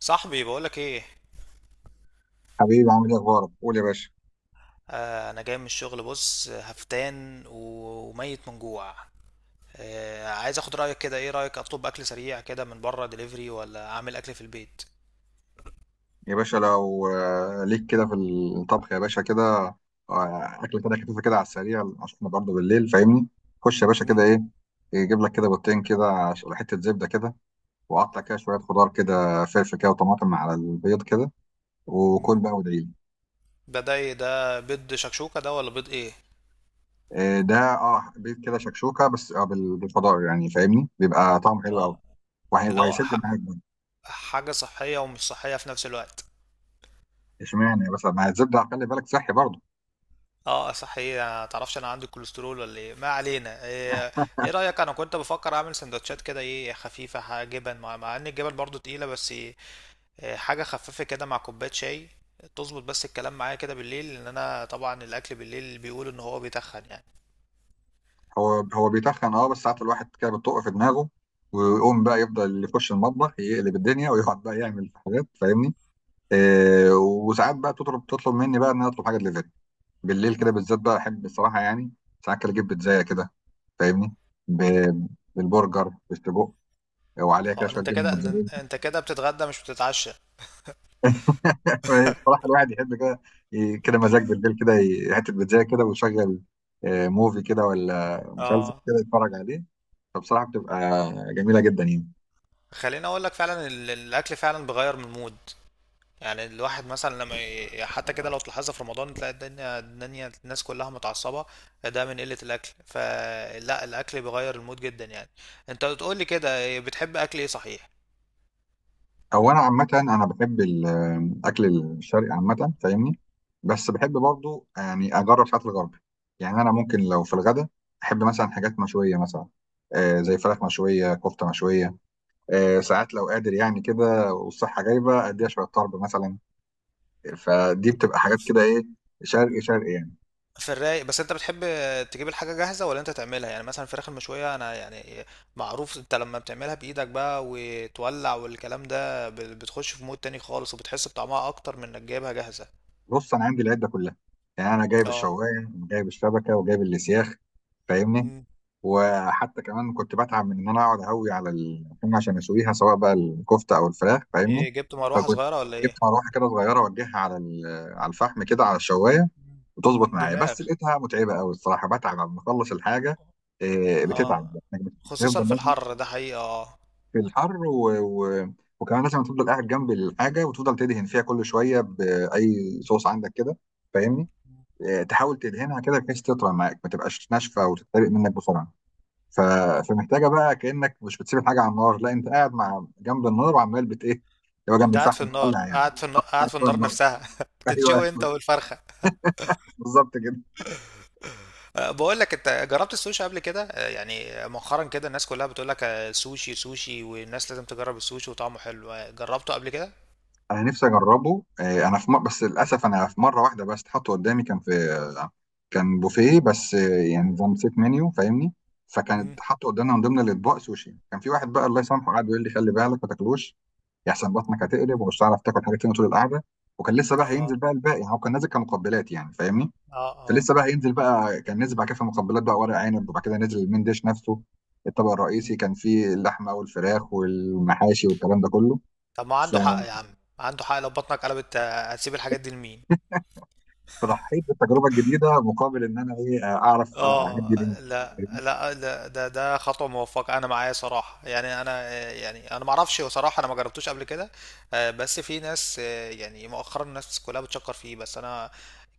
صاحبي بقولك ايه؟ حبيبي عامل ايه اخبارك؟ قول يا باشا. انا جاي من الشغل، بص هفتان وميت من جوع. عايز اخد رايك كده، ايه رايك اطلب اكل سريع كده من بره دليفري، ولا اعمل اكل في البيت؟ يا باشا لو ليك كده في الطبخ يا باشا كده. اكله كده خفيفه كده على السريع عشان احنا برضه بالليل، فاهمني؟ خش يا باشا مم، كده ايه، يجيب لك كده بيضتين كده، حته زبده كده، وقطع كده شويه خضار كده، فلفل كده وطماطم على البيض كده، وكل مم. بقى وادعي لي. ده ايه ده، بيض شكشوكه ده ولا بيض ايه؟ ده اه بيض كده شكشوكه، بس بالخضار يعني، فاهمني؟ بيبقى طعمه حلو قوي، اه، اللي هو وهيسد معاك برضه. حاجه صحيه ومش صحيه في نفس الوقت. اشمعنى بس مع الزبده، خلي بالك صحي برضه. اه صحيح، ما تعرفش انا عندي كوليسترول ولا ايه، ما علينا، ايه، إيه رايك؟ انا كنت بفكر اعمل سندوتشات كده، ايه، خفيفه، جبن، مع ان الجبن برضو تقيله، بس إيه، حاجة خفيفة كده مع كوباية شاي، تظبط. بس الكلام معايا كده بالليل، لأن أنا طبعا الأكل بالليل بيقول إن هو بيتخن يعني. هو بيتخن اه، بس ساعات الواحد كده بتطق في دماغه، ويقوم بقى يفضل يخش المطبخ، يقلب الدنيا ويقعد بقى يعمل حاجات، فاهمني؟ آه، وساعات بقى تطلب مني بقى ان انا اطلب حاجه دليفري بالليل كده بالذات، بقى احب الصراحه يعني. ساعات كده اجيب بيتزايه كده، فاهمني؟ ب- بالبرجر، بالسجق، وعليها كده اه، ده شويه انت جبنه كده، ده موتزاريلا. انت كده بتتغدى مش بتتعشى. صراحة الواحد يحب كده، كده مزاج بالليل كده، حتة بيتزا كده، ويشغل موفي كده ولا مسلسل اه، كده يتفرج عليه. فبصراحة بتبقى جميلة جدا يعني. خليني اقول لك، فعلا الاكل فعلا بيغير من المود. يعني الواحد مثلا لما حتى كده لو تلاحظها في رمضان، تلاقي الدنيا الناس كلها متعصبه، ده من قله الاكل. فلا، الاكل بيغير المود جدا يعني. انت بتقول لي كده بتحب اكل ايه صحيح؟ هو انا عامه انا بحب الاكل الشرقي عامه، فاهمني؟ بس بحب برضو يعني اجرب ساعات الغربي. يعني انا ممكن لو في الغدا احب مثلا حاجات مشويه مثلا، آه زي فراخ مشويه، كفته مشويه. آه ساعات لو قادر يعني كده والصحه جايبه، اديها شويه طرب مثلا. فدي بتبقى حاجات كده ايه، شرقي شرقي يعني. في الرايق، بس انت بتحب تجيب الحاجة جاهزة ولا انت تعملها؟ يعني مثلا الفراخ المشوية، انا يعني معروف، انت لما بتعملها بإيدك بقى وتولع والكلام ده بتخش في مود تاني خالص، وبتحس بطعمها اكتر من انك جايبها جاهزة. بص، انا عندي العده كلها. يعني انا جايب اه. الشوايه وجايب الشبكه وجايب الاسياخ، فاهمني؟ مم. وحتى كمان كنت بتعب من ان انا اقعد اهوي على اللحوم عشان اسويها، سواء بقى الكفته او الفراخ، فاهمني؟ ايه، جبت مروحة فكنت صغيرة ولا جبت ايه؟ مروحه كده صغيره، اوجهها على على الفحم كده، على الشوايه، وتظبط مم. معايا. دماغ. بس لقيتها متعبه قوي الصراحه، بتعب لما اخلص الحاجه. إيه، بتتعب اه، انك خصوصا بتفضل في لازم الحر ده حقيقة، اه. في الحر وكمان لازم تفضل قاعد جنب الحاجه، وتفضل تدهن فيها كل شويه باي صوص عندك كده، فاهمني؟ إيه، تحاول تدهنها كده بحيث تطرى معاك، ما تبقاش ناشفه وتتحرق منك بسرعه. ف... فمحتاجه بقى كانك مش بتسيب الحاجه على النار، لا انت قاعد مع جنب النار، وعمال بت ايه اللي هو جنب انت قاعد في الفحم النار، بتطلع يعني. قاعد في النار، قاعد قاعد في فوق النار النار نفسها ايوه بتتشوي انت والفرخة. بالظبط كده. بقول لك، انت جربت السوشي قبل كده؟ يعني مؤخرا كده الناس كلها بتقول لك سوشي سوشي، والناس لازم تجرب السوشي وطعمه حلو، جربته قبل كده؟ انا نفسي اجربه. انا في بس للاسف انا في مره واحده بس اتحط قدامي، كان في آه، كان بوفيه بس، يعني نظام سيت منيو، فاهمني؟ مم، فكانت حاطه قدامنا من ضمن الاطباق سوشي. كان في واحد بقى الله يسامحه قعد يقول لي خلي بالك ما تاكلوش، يحسن بطنك مم، هتقلب ومش هتعرف تاكل حاجه تانيه طول القعده، وكان لسه بقى هينزل اه، بقى الباقي يعني. هو كان نازل كمقبلات يعني، فاهمني؟ اه، اه، فلسه بقى هينزل بقى. كان نزل بعد كده في مقبلات بقى ورق عنب، وبعد كده نزل المين ديش نفسه، الطبق الرئيسي، مم. كان فيه اللحمه والفراخ والمحاشي والكلام ده كله. طب ما ف- عنده حق يا عم، عنده حق، لو بطنك قلبت هتسيب الحاجات دي لمين؟ فرحيت بالتجربه الجديده مقابل ان انا ايه، اعرف اه. اعدي بيهم. لا، لا، لا، ده خطوه موفقه، انا معايا صراحه. يعني انا يعني انا ما اعرفش، هو صراحه انا ما جربتوش قبل كده. بس في ناس يعني مؤخرا الناس كلها بتشكر فيه، بس انا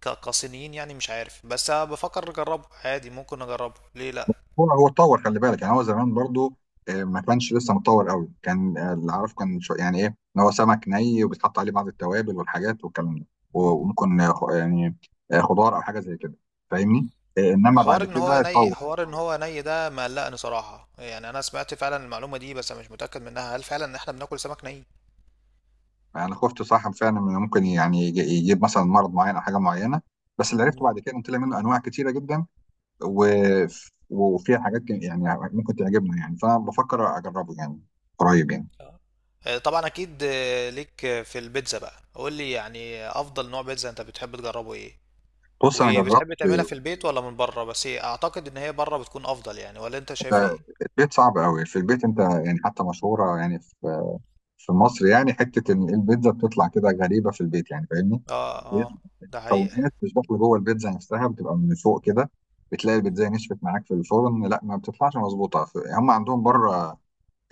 كصينيين يعني، مش عارف، بس أنا بفكر اجربه عادي، ممكن اجربه، ليه لا؟ هو اتطور خلي بالك، يعني هو زمان برضو ما كانش لسه متطور قوي. كان اللي اعرفه كان شو، يعني ايه؟ ان هو سمك ني، وبيتحط عليه بعض التوابل والحاجات والكلام ده، مم. وممكن يعني خضار او حاجه زي كده، فاهمني؟ انما حوار بعد ان هو كده ني، اتطور. حوار ان هو ني ده مقلقني صراحه، يعني انا سمعت فعلا المعلومه دي، بس أنا مش متاكد منها، هل فعلا احنا بناكل سمك انا خفت صاحب فعلا انه ممكن يعني يجيب مثلا مرض معين او حاجه معينه، بس اللي عرفته ني؟ بعد كده ان طلع منه انواع كتيره جدا، و... وفيها حاجات يعني ممكن تعجبنا يعني، فانا بفكر اجربه يعني قريب يعني. آه. طبعا اكيد، ليك، في البيتزا بقى، قول لي يعني افضل نوع بيتزا انت بتحب تجربه ايه، بص انا جربت وبتحب تعملها في البيت ولا من بره؟ بس إيه، اعتقد ان هي بره بتكون افضل يعني، ولا انت شايف ايه؟ البيت صعب قوي. في البيت انت يعني حتى مشهوره يعني في في مصر، يعني حته ان البيتزا بتطلع كده غريبه في البيت، يعني فاهمني؟ هي اه، اه، ده حقيقة، المكونات مش داخله جوه البيتزا نفسها، بتبقى من فوق كده. بتلاقي البيتزا نشفت معاك في الفرن، لا ما بتطلعش مظبوطه. هم عندهم بره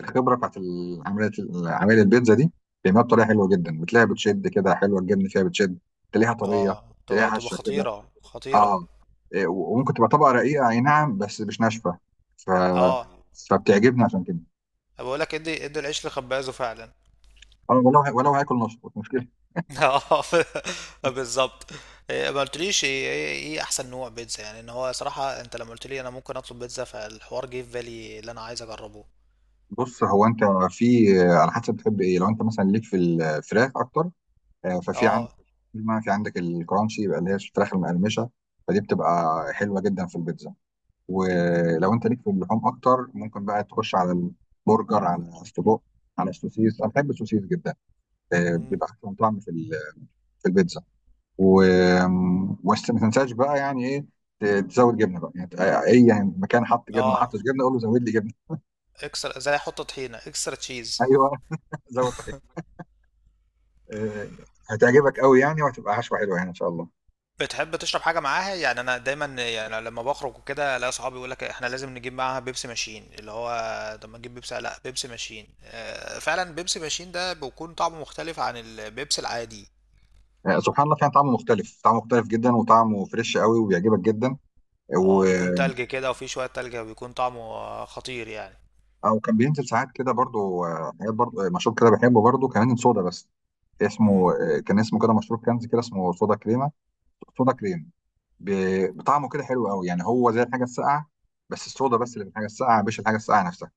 الخبره بتاعت العمليه، عمليه البيتزا دي، بيعملها بطريقه حلوه جدا. بتلاقيها بتشد كده، حلوه الجبن فيها بتشد، تلاقيها طريه، اه، تلاقيها تبقى هشه كده. خطيرة، خطيرة. اه إيه، وممكن تبقى طبقه رقيقه، اي نعم، بس مش ناشفه. ف اه، فبتعجبني عشان كده. بقول لك، ادي العيش لخبازه فعلا. انا ولو هاكل نص مش مشكله. اه، بالظبط. إيه، ما قلتليش ايه ايه إيه احسن نوع بيتزا؟ يعني ان هو صراحة انت لما قلت لي انا ممكن اطلب بيتزا، فالحوار جه في بالي اللي انا عايز اجربه. بص هو انت في على حسب بتحب ايه. لو انت مثلا ليك في الفراخ اكتر، ففي عندك اه. في عندك الكرانشي، يبقى اللي هي الفراخ المقرمشه، فدي بتبقى حلوه جدا في البيتزا. ولو انت ليك في اللحوم اكتر، ممكن بقى تخش على البرجر، على السجق، على السوسيس. انا بحب السوسيس جدا، مم. بيبقى احسن طعم في في البيتزا. و بس ما تنساش بقى يعني ايه، تزود جبنه بقى يعني، اي يعني مكان حط جبنه ولا حطش اه، جبنه، قول له زود لي جبنه. اكسترا، زي حط طحينة اكسترا تشيز. ايوه زود طحينه. آه، هتعجبك قوي يعني، وهتبقى حشوه حلوه يعني ان شاء الله. بتحب تشرب حاجة معاها؟ يعني انا دايما يعني لما بخرج وكده، الاقي صحابي يقول لك احنا لازم نجيب معاها بيبسي ماشين، اللي هو طب ما نجيب بيبسي؟ لا، بيبسي ماشين، فعلا بيبسي ماشين ده بيكون طعمه مختلف عن البيبسي العادي. سبحان الله، فيها طعم مختلف، طعم مختلف جدا، وطعمه فريش قوي وبيعجبك جدا. اه، بيكون تلج كده، وفيه شوية تلج، وبيكون طعمه خطير يعني. او كان بينزل ساعات كده برضو حاجات برضو، مشروب كده بحبه برضو كمان، صودا، بس مم. اسمه كان اسمه كده، مشروب كنز كده اسمه، صودا كريمه، صودا كريم. بطعمه كده حلو قوي، يعني هو زي الحاجه الساقعه، بس الصودا بس اللي في الحاجه الساقعه، مش الحاجه الساقعه نفسها.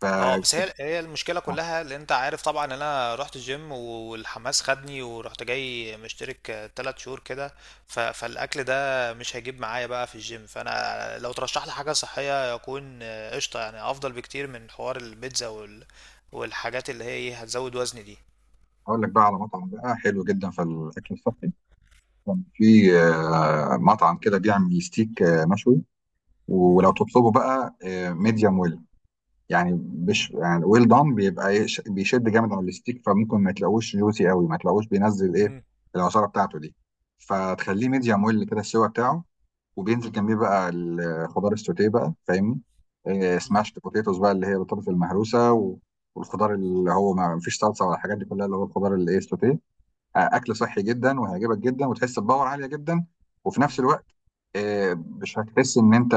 ف اه، بس هي المشكله كلها، اللي انت عارف طبعا ان انا رحت الجيم، والحماس خدني ورحت جاي مشترك تلات شهور كده. فالاكل ده مش هيجيب معايا بقى في الجيم، فانا لو ترشح لي حاجه صحيه يكون قشطه، يعني افضل بكتير من حوار البيتزا والحاجات اللي هي ايه، هتزود وزني دي. هقول لك بقى على مطعم بقى حلو جدا في الاكل الصحي. كان في مطعم كده بيعمل ستيك مشوي، ولو مم، تطلبه بقى ميديوم ويل يعني، مم، مش يعني ويل دان. بيبقى بيشد جامد على الستيك، فممكن ما تلاقوش جوسي قوي، ما تلاقوش بينزل ايه، مم، العصاره بتاعته دي. فتخليه ميديوم ويل كده السوا بتاعه، وبينزل جنبيه بقى الخضار السوتيه بقى، فاهمني؟ إيه، سماشت بوتيتوز بقى، اللي هي البطاطس المهروسه، والخضار اللي هو ما فيش صلصه ولا الحاجات دي كلها، اللي هو الخضار اللي ايه السوتيه. اكل صحي جدا، وهيعجبك جدا، وتحس بباور عاليه جدا. وفي نفس مم، الوقت مش هتحس ان انت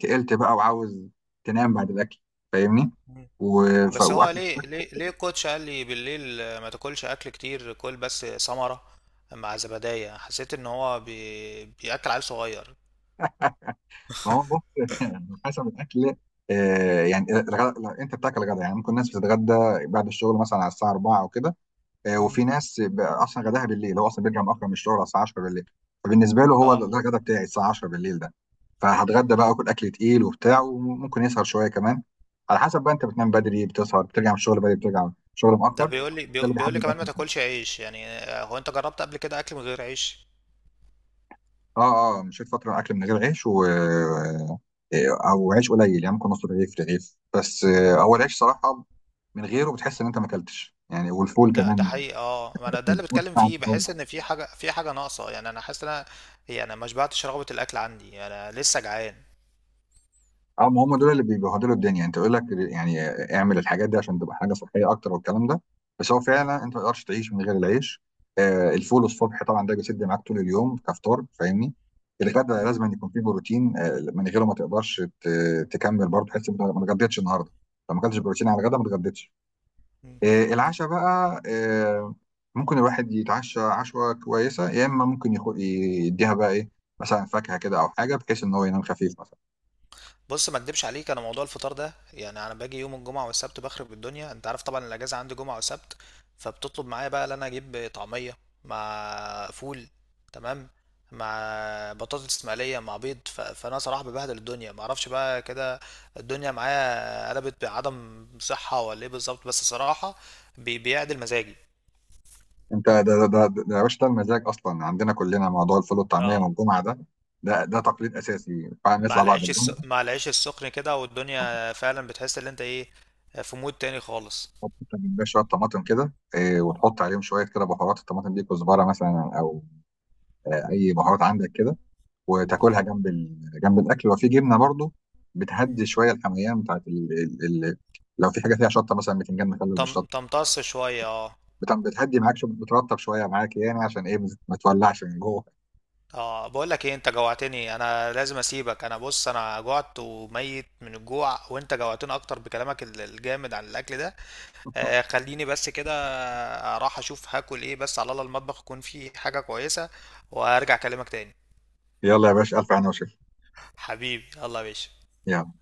تقلت بقى، وعاوز تنام بعد الاكل، فاهمني؟ مم، بس هو واكل. ليه الكوتش قال لي بالليل ما تاكلش اكل كتير، كل بس ثمرة مع زبدية، حسيت ان هو بياكل عيل صغير. ما هو بص حسب الاكل. لو انت بتاكل غدا، يعني ممكن ناس بتتغدى بعد الشغل مثلا على الساعه 4 او كده، مم. وفي ناس بقى اصلا غداها بالليل، هو اصلا بيرجع مؤخر من الشغل على الساعه 10 بالليل. فبالنسبه له هو ده اه، الغدا بتاعي، الساعه 10 بالليل ده. فهتغدى بقى واكل اكل تقيل وبتاع، وممكن يسهر شويه كمان. على حسب بقى انت بتنام بدري، بتسهر، بترجع من الشغل بدري، بترجع من الشغل مؤخر، ده ده بيقول لي بيقو- اللي بيقول بيحدد لي كمان ما الاكل بتاعك. تاكلش عيش يعني، هو انت جربت قبل كده اكل من غير عيش؟ اه اه مشيت فتره اكل من غير عيش و آه، او عيش قليل، يعني ممكن نص رغيف، رغيف بس. مم. هو العيش صراحه من غيره بتحس ان انت ما اكلتش يعني، والفول ده كمان، حقيقي، اه، ما انا ده اللي الفول بتكلم بتاع فيه، الفطار. بحس ان في حاجه ناقصه، يعني انا حاسس ان انا يعني ما شبعتش، رغبه الاكل عندي انا لسه جعان. اه ما هم دول اللي بيبهدلوا الدنيا، انت يقول لك يعني اعمل الحاجات دي عشان تبقى حاجه صحيه اكتر والكلام ده، بس هو مم. فعلا انت ما تقدرش تعيش من غير العيش. آه الفول الصبح طبعا ده بيسد معاك طول اليوم كفطار، فاهمني؟ الغداء مم. لازم أن يكون فيه بروتين، آه من غيره ما تقدرش تكمل برضه، تحس إن أنت ما اتغديتش النهارده. لو ما اكلتش بروتين على الغداء، ما اتغديتش. مم. آه العشاء بقى آه، ممكن الواحد يتعشى عشوه كويسه، يا اما ممكن يديها بقى ايه، مثلا فاكهه كده او حاجه، بحيث ان هو ينام خفيف مثلا. بص، ما اكدبش عليك، انا موضوع الفطار ده، يعني انا باجي يوم الجمعه والسبت بخرب الدنيا، انت عارف طبعا الاجازه عندي جمعه وسبت، فبتطلب معايا بقى ان انا اجيب طعميه مع فول، تمام، مع بطاطس مقليه مع بيض، فانا صراحه ببهدل الدنيا، ما اعرفش بقى كده الدنيا معايا قلبت بعدم صحه ولا ايه بالظبط، بس صراحه بيعدل مزاجي. انت ده يا باشا، ده المزاج اصلا عندنا كلنا. موضوع الفول والطعميه اه، والجمعه ده، ده تقليد اساسي فعلا مع نطلع بعد العيش الس... الجمعه. مع العيش السخن كده، والدنيا فعلا بتحس ان انت ايه، في مود تاني خالص. تحط انت بتبقى شويه طماطم كده إيه، وتحط عليهم شويه كده بهارات، الطماطم دي كزبره مثلا او اي بهارات عندك كده، وتاكلها جنب جنب الاكل، وفي جبنه برضو. بتهدي شويه الحميان بتاعت ال... ال... لو في حاجه فيها شطه مثلا، بتنجان مخلل بالشطه، تمتص شوية، اه. بتهدي معاك بترطب شويه معاك، يعني عشان ايه، ما تولعش من جوه. اه، بقول لك ايه، انت جوعتني انا، لازم اسيبك، انا بص انا جوعت، وميت من الجوع، وانت جوعتني اكتر بكلامك الجامد عن الاكل ده. خليني بس كده اروح اشوف هاكل ايه، بس على الله المطبخ يكون فيه حاجة كويسة، وهرجع اكلمك تاني. يلا يا باشا، الف هنا وشفا. حبيبي، الله يا باشا. يلا.